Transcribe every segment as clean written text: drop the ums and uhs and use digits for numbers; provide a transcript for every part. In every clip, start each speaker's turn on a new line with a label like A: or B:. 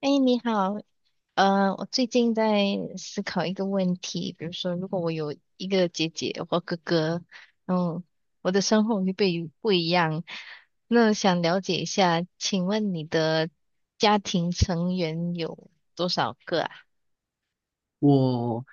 A: 哎，你好。我最近在思考一个问题。比如说，如果我有一个姐姐或哥哥，然后我的生活会不被不一样。那想了解一下，请问你的家庭成员有多少个啊？
B: 我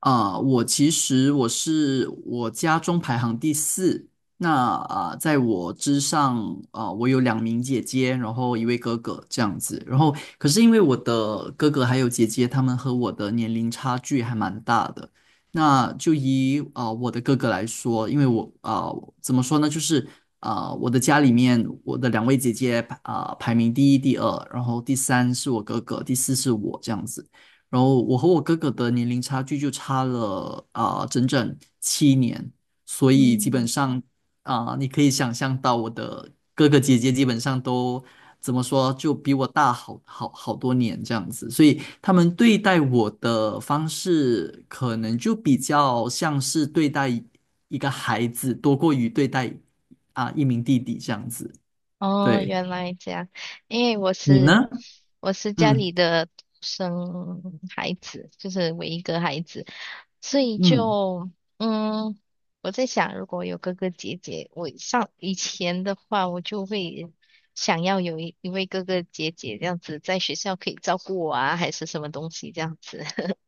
B: 我其实是我家中排行第四。那，在我之上，我有两名姐姐，然后一位哥哥这样子。然后，可是因为我的哥哥还有姐姐，他们和我的年龄差距还蛮大的。那就以我的哥哥来说，因为我啊、怎么说呢？我的家里面，我的两位姐姐,排名第一、第二，然后第三是我哥哥，第四是我这样子。然后我和我哥哥的年龄差距就差了整整7年，所以基本
A: 嗯。
B: 上啊、你可以想象到我的哥哥姐姐基本上都怎么说，就比我大多年这样子，所以他们对待我的方式可能就比较像是对待一个孩子，多过于对待一名弟弟这样子。
A: 哦，
B: 对，
A: 原来这样。因为我
B: 你
A: 是
B: 呢？
A: 我是家
B: 嗯
A: 里的独生孩子，就是唯一个孩子，所以
B: 嗯，
A: 就嗯，我在想，如果有哥哥姐姐，我上以前的话，我就会想要有一位哥哥姐姐这样子，在学校可以照顾我啊，还是什么东西这样子。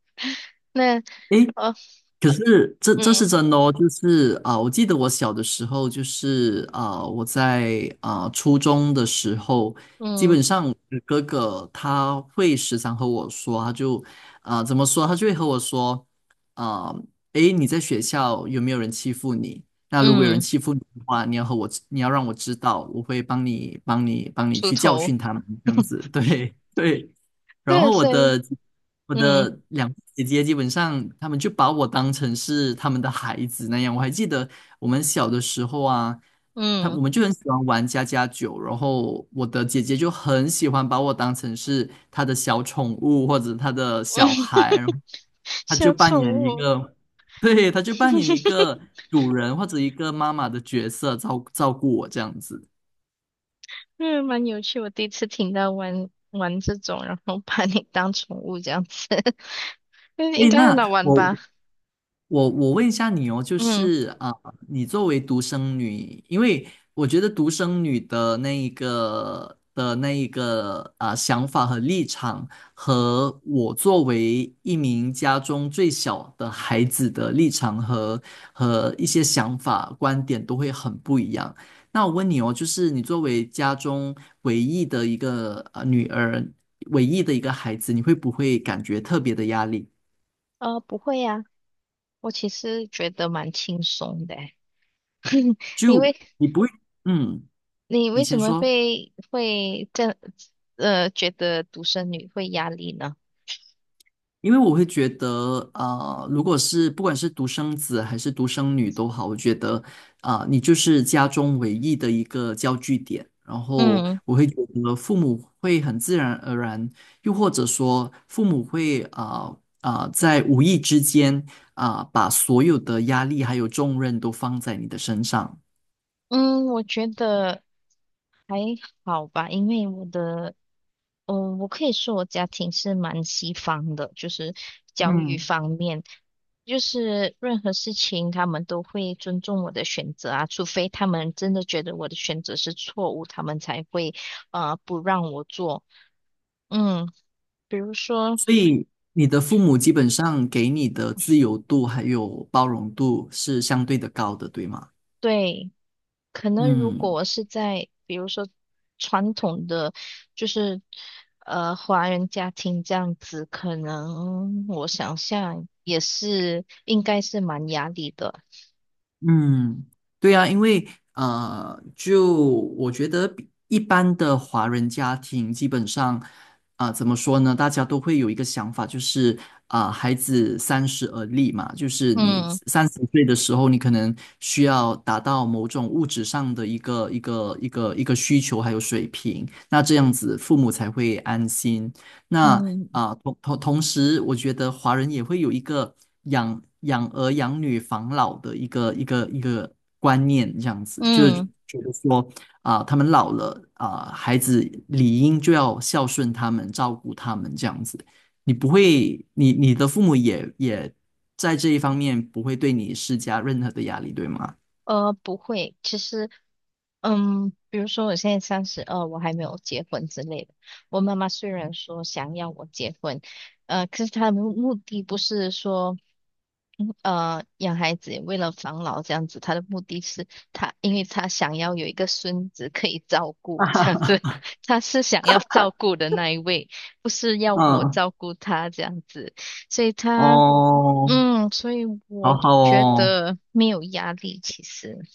A: 那。
B: 诶，
A: 哦。
B: 可是这是
A: 嗯
B: 真的哦，就是我记得我小的时候，就是我在初中的时候，基
A: 嗯
B: 本上我的哥哥他会时常和我说，他就啊、怎么说，他就会和我说啊，诶，你在学校有没有人欺负你？那如果有人
A: 嗯。
B: 欺负你的话，你要让我知道，我会帮你
A: 出
B: 去教
A: 头。
B: 训他们，这样子，对对。然
A: 对，
B: 后我
A: 所以
B: 的我
A: 嗯
B: 的两个姐姐基本上，她们就把我当成是她们的孩子那样。我还记得我们小的时候啊，她
A: 嗯，
B: 我们就很喜欢玩家家酒，然后我的姐姐就很喜欢把我当成是她的小宠物或者她的 小孩，然
A: 嗯
B: 后她就
A: 小
B: 扮
A: 宠
B: 演一
A: 物。
B: 个，对，她就扮演一个 主人或者一个妈妈的角色，照照顾我这样子。
A: 嗯，蛮有趣。我第一次听到玩这种，然后把你当宠物这样子。但是应
B: 诶，
A: 该很好
B: 那
A: 玩
B: 我
A: 吧？
B: 我我问一下你哦，就
A: 嗯。
B: 是你作为独生女，因为我觉得独生女的那一个的那一个啊、呃想法和立场，和我作为一名家中最小的孩子的立场和一些想法观点都会很不一样。那我问你哦，就是你作为家中唯一的一个女儿，唯一的一个孩子，你会不会感觉特别的压力？
A: 不会呀、我其实觉得蛮轻松的欸。你
B: 就
A: 为
B: 你不会，嗯。
A: 你
B: 你
A: 为什
B: 先
A: 么
B: 说，
A: 会这样觉得独生女会压力呢？
B: 因为我会觉得，如果是不管是独生子还是独生女都好，我觉得,你就是家中唯一的一个焦聚点。然后
A: 嗯
B: 我会觉得父母会很自然而然，又或者说父母会,在无意之间,把所有的压力还有重任都放在你的身上。
A: 嗯。我觉得还好吧，因为我的我可以说我家庭是蛮西方的，就是教育
B: 嗯。
A: 方面。就是任何事情他们都会尊重我的选择啊，除非他们真的觉得我的选择是错误，他们才会不让我做。嗯。比如说，
B: 所以你的父母基本上给你的自由度还有包容度是相对的高的，对吗？
A: 对，可能如果
B: 嗯
A: 我是在比如说传统的就是华人家庭这样子，可能我想象也是应该是蛮压力的。
B: 嗯，对啊，因为就我觉得比一般的华人家庭，基本上,怎么说呢？大家都会有一个想法，就是孩子三十而立嘛，就是你
A: 嗯
B: 30岁的时候，你可能需要达到某种物质上的一个需求还有水平，那这样子父母才会安心。那
A: 嗯
B: 啊，同同同时，我觉得华人也会有一个养儿养女防老的一个观念，这样子就是
A: 嗯。
B: 觉得说啊，他们老了啊，孩子理应就要孝顺他们，照顾他们这样子。你不会，你的父母也在这一方面不会对你施加任何的压力，对吗？
A: 不会，其实。嗯，比如说我现在32，我还没有结婚之类的。我妈妈虽然说想要我结婚，可是她的目的不是说，养孩子为了防老这样子。她的目的是她，因为她想要有一个孙子可以照顾这样子。她是想要照顾的那一位，不是要我
B: 嗯，
A: 照顾她这样子。所以她。
B: 哦，
A: 嗯，所以
B: 好
A: 我
B: 好
A: 觉
B: 哦。
A: 得没有压力，其实。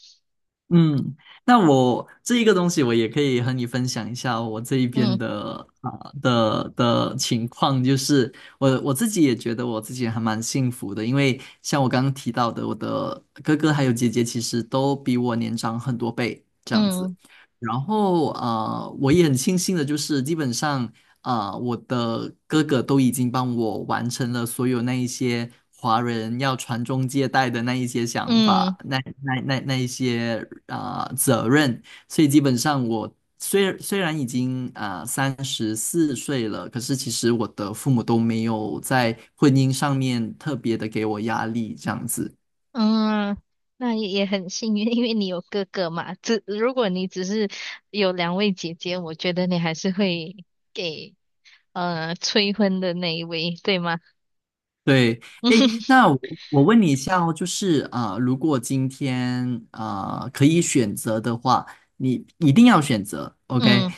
B: 嗯，那我这一个东西，我也可以和你分享一下我这一边
A: 嗯
B: 的啊、的的情况，就是我自己也觉得我自己还蛮幸福的，因为像我刚刚提到的，我的哥哥还有姐姐其实都比我年长很多倍这样子。
A: 嗯
B: 然后啊，我也很庆幸的就是，基本上,我的哥哥都已经帮我完成了所有那一些华人要传宗接代的那一些想
A: 嗯
B: 法，那一些责任，所以基本上我虽然已经34岁了，可是其实我的父母都没有在婚姻上面特别的给我压力这样子。
A: 嗯。那也也很幸运，因为你有哥哥嘛。只如果你只是有两位姐姐，我觉得你还是会给催婚的那一位，对吗？
B: 对，哎，那 我问你一下哦，就是如果今天可以选择的话，你一定要选择，OK?
A: 嗯，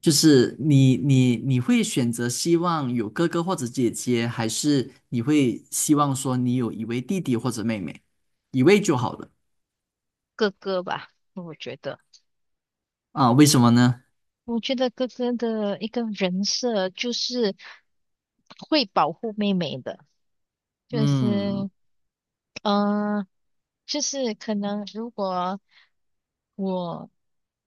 B: 就是你会选择希望有哥哥或者姐姐，还是你会希望说你有一位弟弟或者妹妹，一位就好了
A: 哥哥吧，我觉得。
B: 啊？为什么呢？
A: 我觉得哥哥的一个人设就是会保护妹妹的，就
B: 嗯，
A: 是，呃，就是可能如果我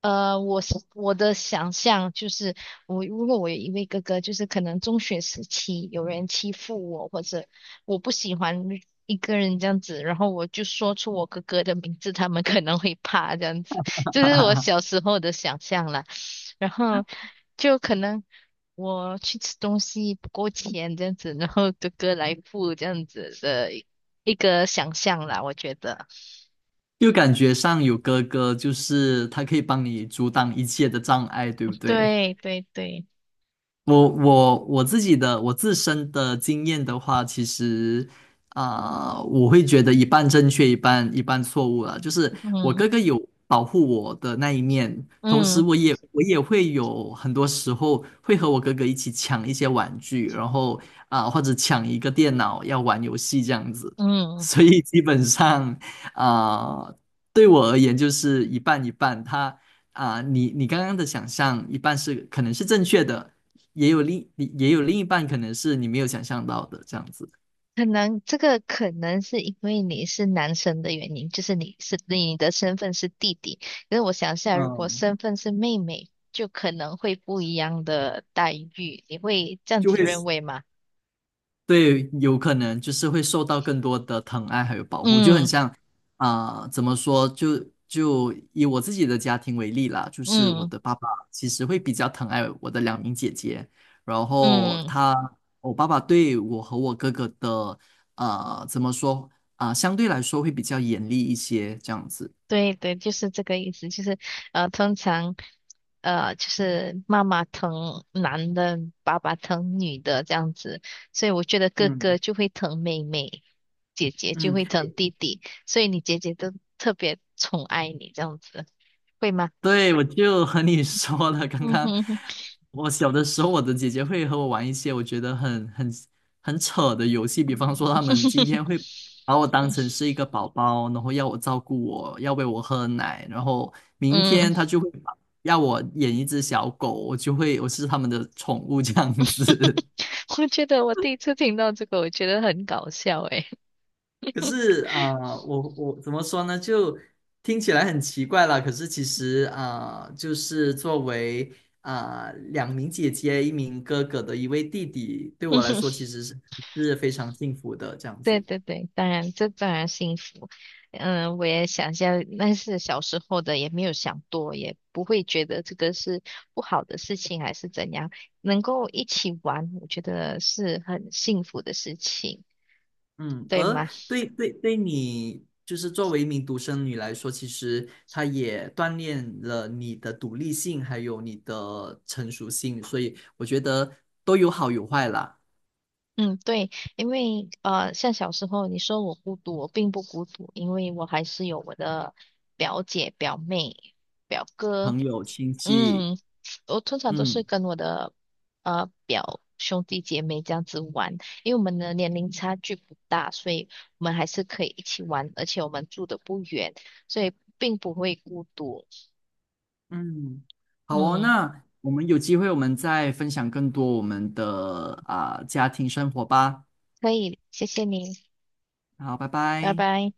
A: 我是我的想象就是，我如果我有一位哥哥，就是可能中学时期有人欺负我，或者我不喜欢一个人这样子，然后我就说出我哥哥的名字，他们可能会怕这样子，就是我小 时候的想象啦。然后就可能我去吃东西不够钱这样子，然后哥哥来付这样子的一个想象啦，我觉得。
B: 就感觉上有哥哥，就是他可以帮你阻挡一切的障碍，对不对？
A: 对对对。
B: 我自身的经验的话，其实我会觉得一半正确，一半错误了。就是我
A: 嗯
B: 哥哥有保护我的那一面，同时
A: 嗯。
B: 我也会有很多时候会和我哥哥一起抢一些玩具，然后或者抢一个电脑要玩游戏这样子。
A: 嗯，
B: 所以基本上啊、呃对我而言就是一半一半。你刚刚的想象一半是可能是正确的。也有另一半可能是你没有想象到的这样子。
A: 可能这个可能是因为你是男生的原因，就是你是你的身份是弟弟。可是我想一下，如果
B: 嗯，
A: 身份是妹妹，就可能会不一样的待遇。你会这样
B: 就
A: 子
B: 会
A: 认为吗？
B: 对，有可能就是会受到更多的疼爱还有保护，就很
A: 嗯
B: 像,怎么说？就以我自己的家庭为例啦，就是我
A: 嗯
B: 的爸爸其实会比较疼爱我的两名姐姐，然后
A: 嗯。
B: 我爸爸对我和我哥哥的怎么说,相对来说会比较严厉一些，这样子。
A: 对对，就是这个意思。就是通常。就是妈妈疼男的，爸爸疼女的这样子，所以我觉得哥哥
B: 嗯
A: 就会疼妹妹，姐姐就
B: 嗯，
A: 会疼弟弟，所以你姐姐都特别宠爱你这样子，会吗？
B: 对，我就和你说了，刚
A: 嗯
B: 刚
A: 哼哼。
B: 我小的时候，我的姐姐会和我玩一些我觉得很扯的游戏，比方说他们今 天会把我当成是一个宝宝，然后要我照顾我，要喂我喝奶，然后明
A: 嗯。
B: 天他就会把要我演一只小狗，我就会我是他们的宠物这样子。
A: 我觉得我第一次听到这个，我觉得很搞笑诶。
B: 可是我怎么说呢？就听起来很奇怪啦。可是其实就是作为两名姐姐、一名哥哥的一位弟弟，对我来 说其实是是非常幸福的这样
A: 对
B: 子。
A: 对对，当然，这当然幸福。嗯，我也想一下，那是小时候的，也没有想多，也不会觉得这个是不好的事情还是怎样。能够一起玩，我觉得是很幸福的事情，
B: 嗯，
A: 对
B: 而
A: 吗？
B: 对你，就是作为一名独生女来说，其实她也锻炼了你的独立性，还有你的成熟性，所以我觉得都有好有坏啦，
A: 嗯，对，因为像小时候你说我孤独，我并不孤独，因为我还是有我的表姐、表妹、表哥。
B: 朋友、亲戚，
A: 嗯，我通常都是
B: 嗯。
A: 跟我的表兄弟姐妹这样子玩，因为我们的年龄差距不大，所以我们还是可以一起玩，而且我们住的不远，所以并不会孤独。
B: 嗯，好哦，
A: 嗯，
B: 那我们有机会我们再分享更多我们的家庭生活吧。
A: 可以，谢谢你，
B: 好，拜
A: 拜
B: 拜。
A: 拜。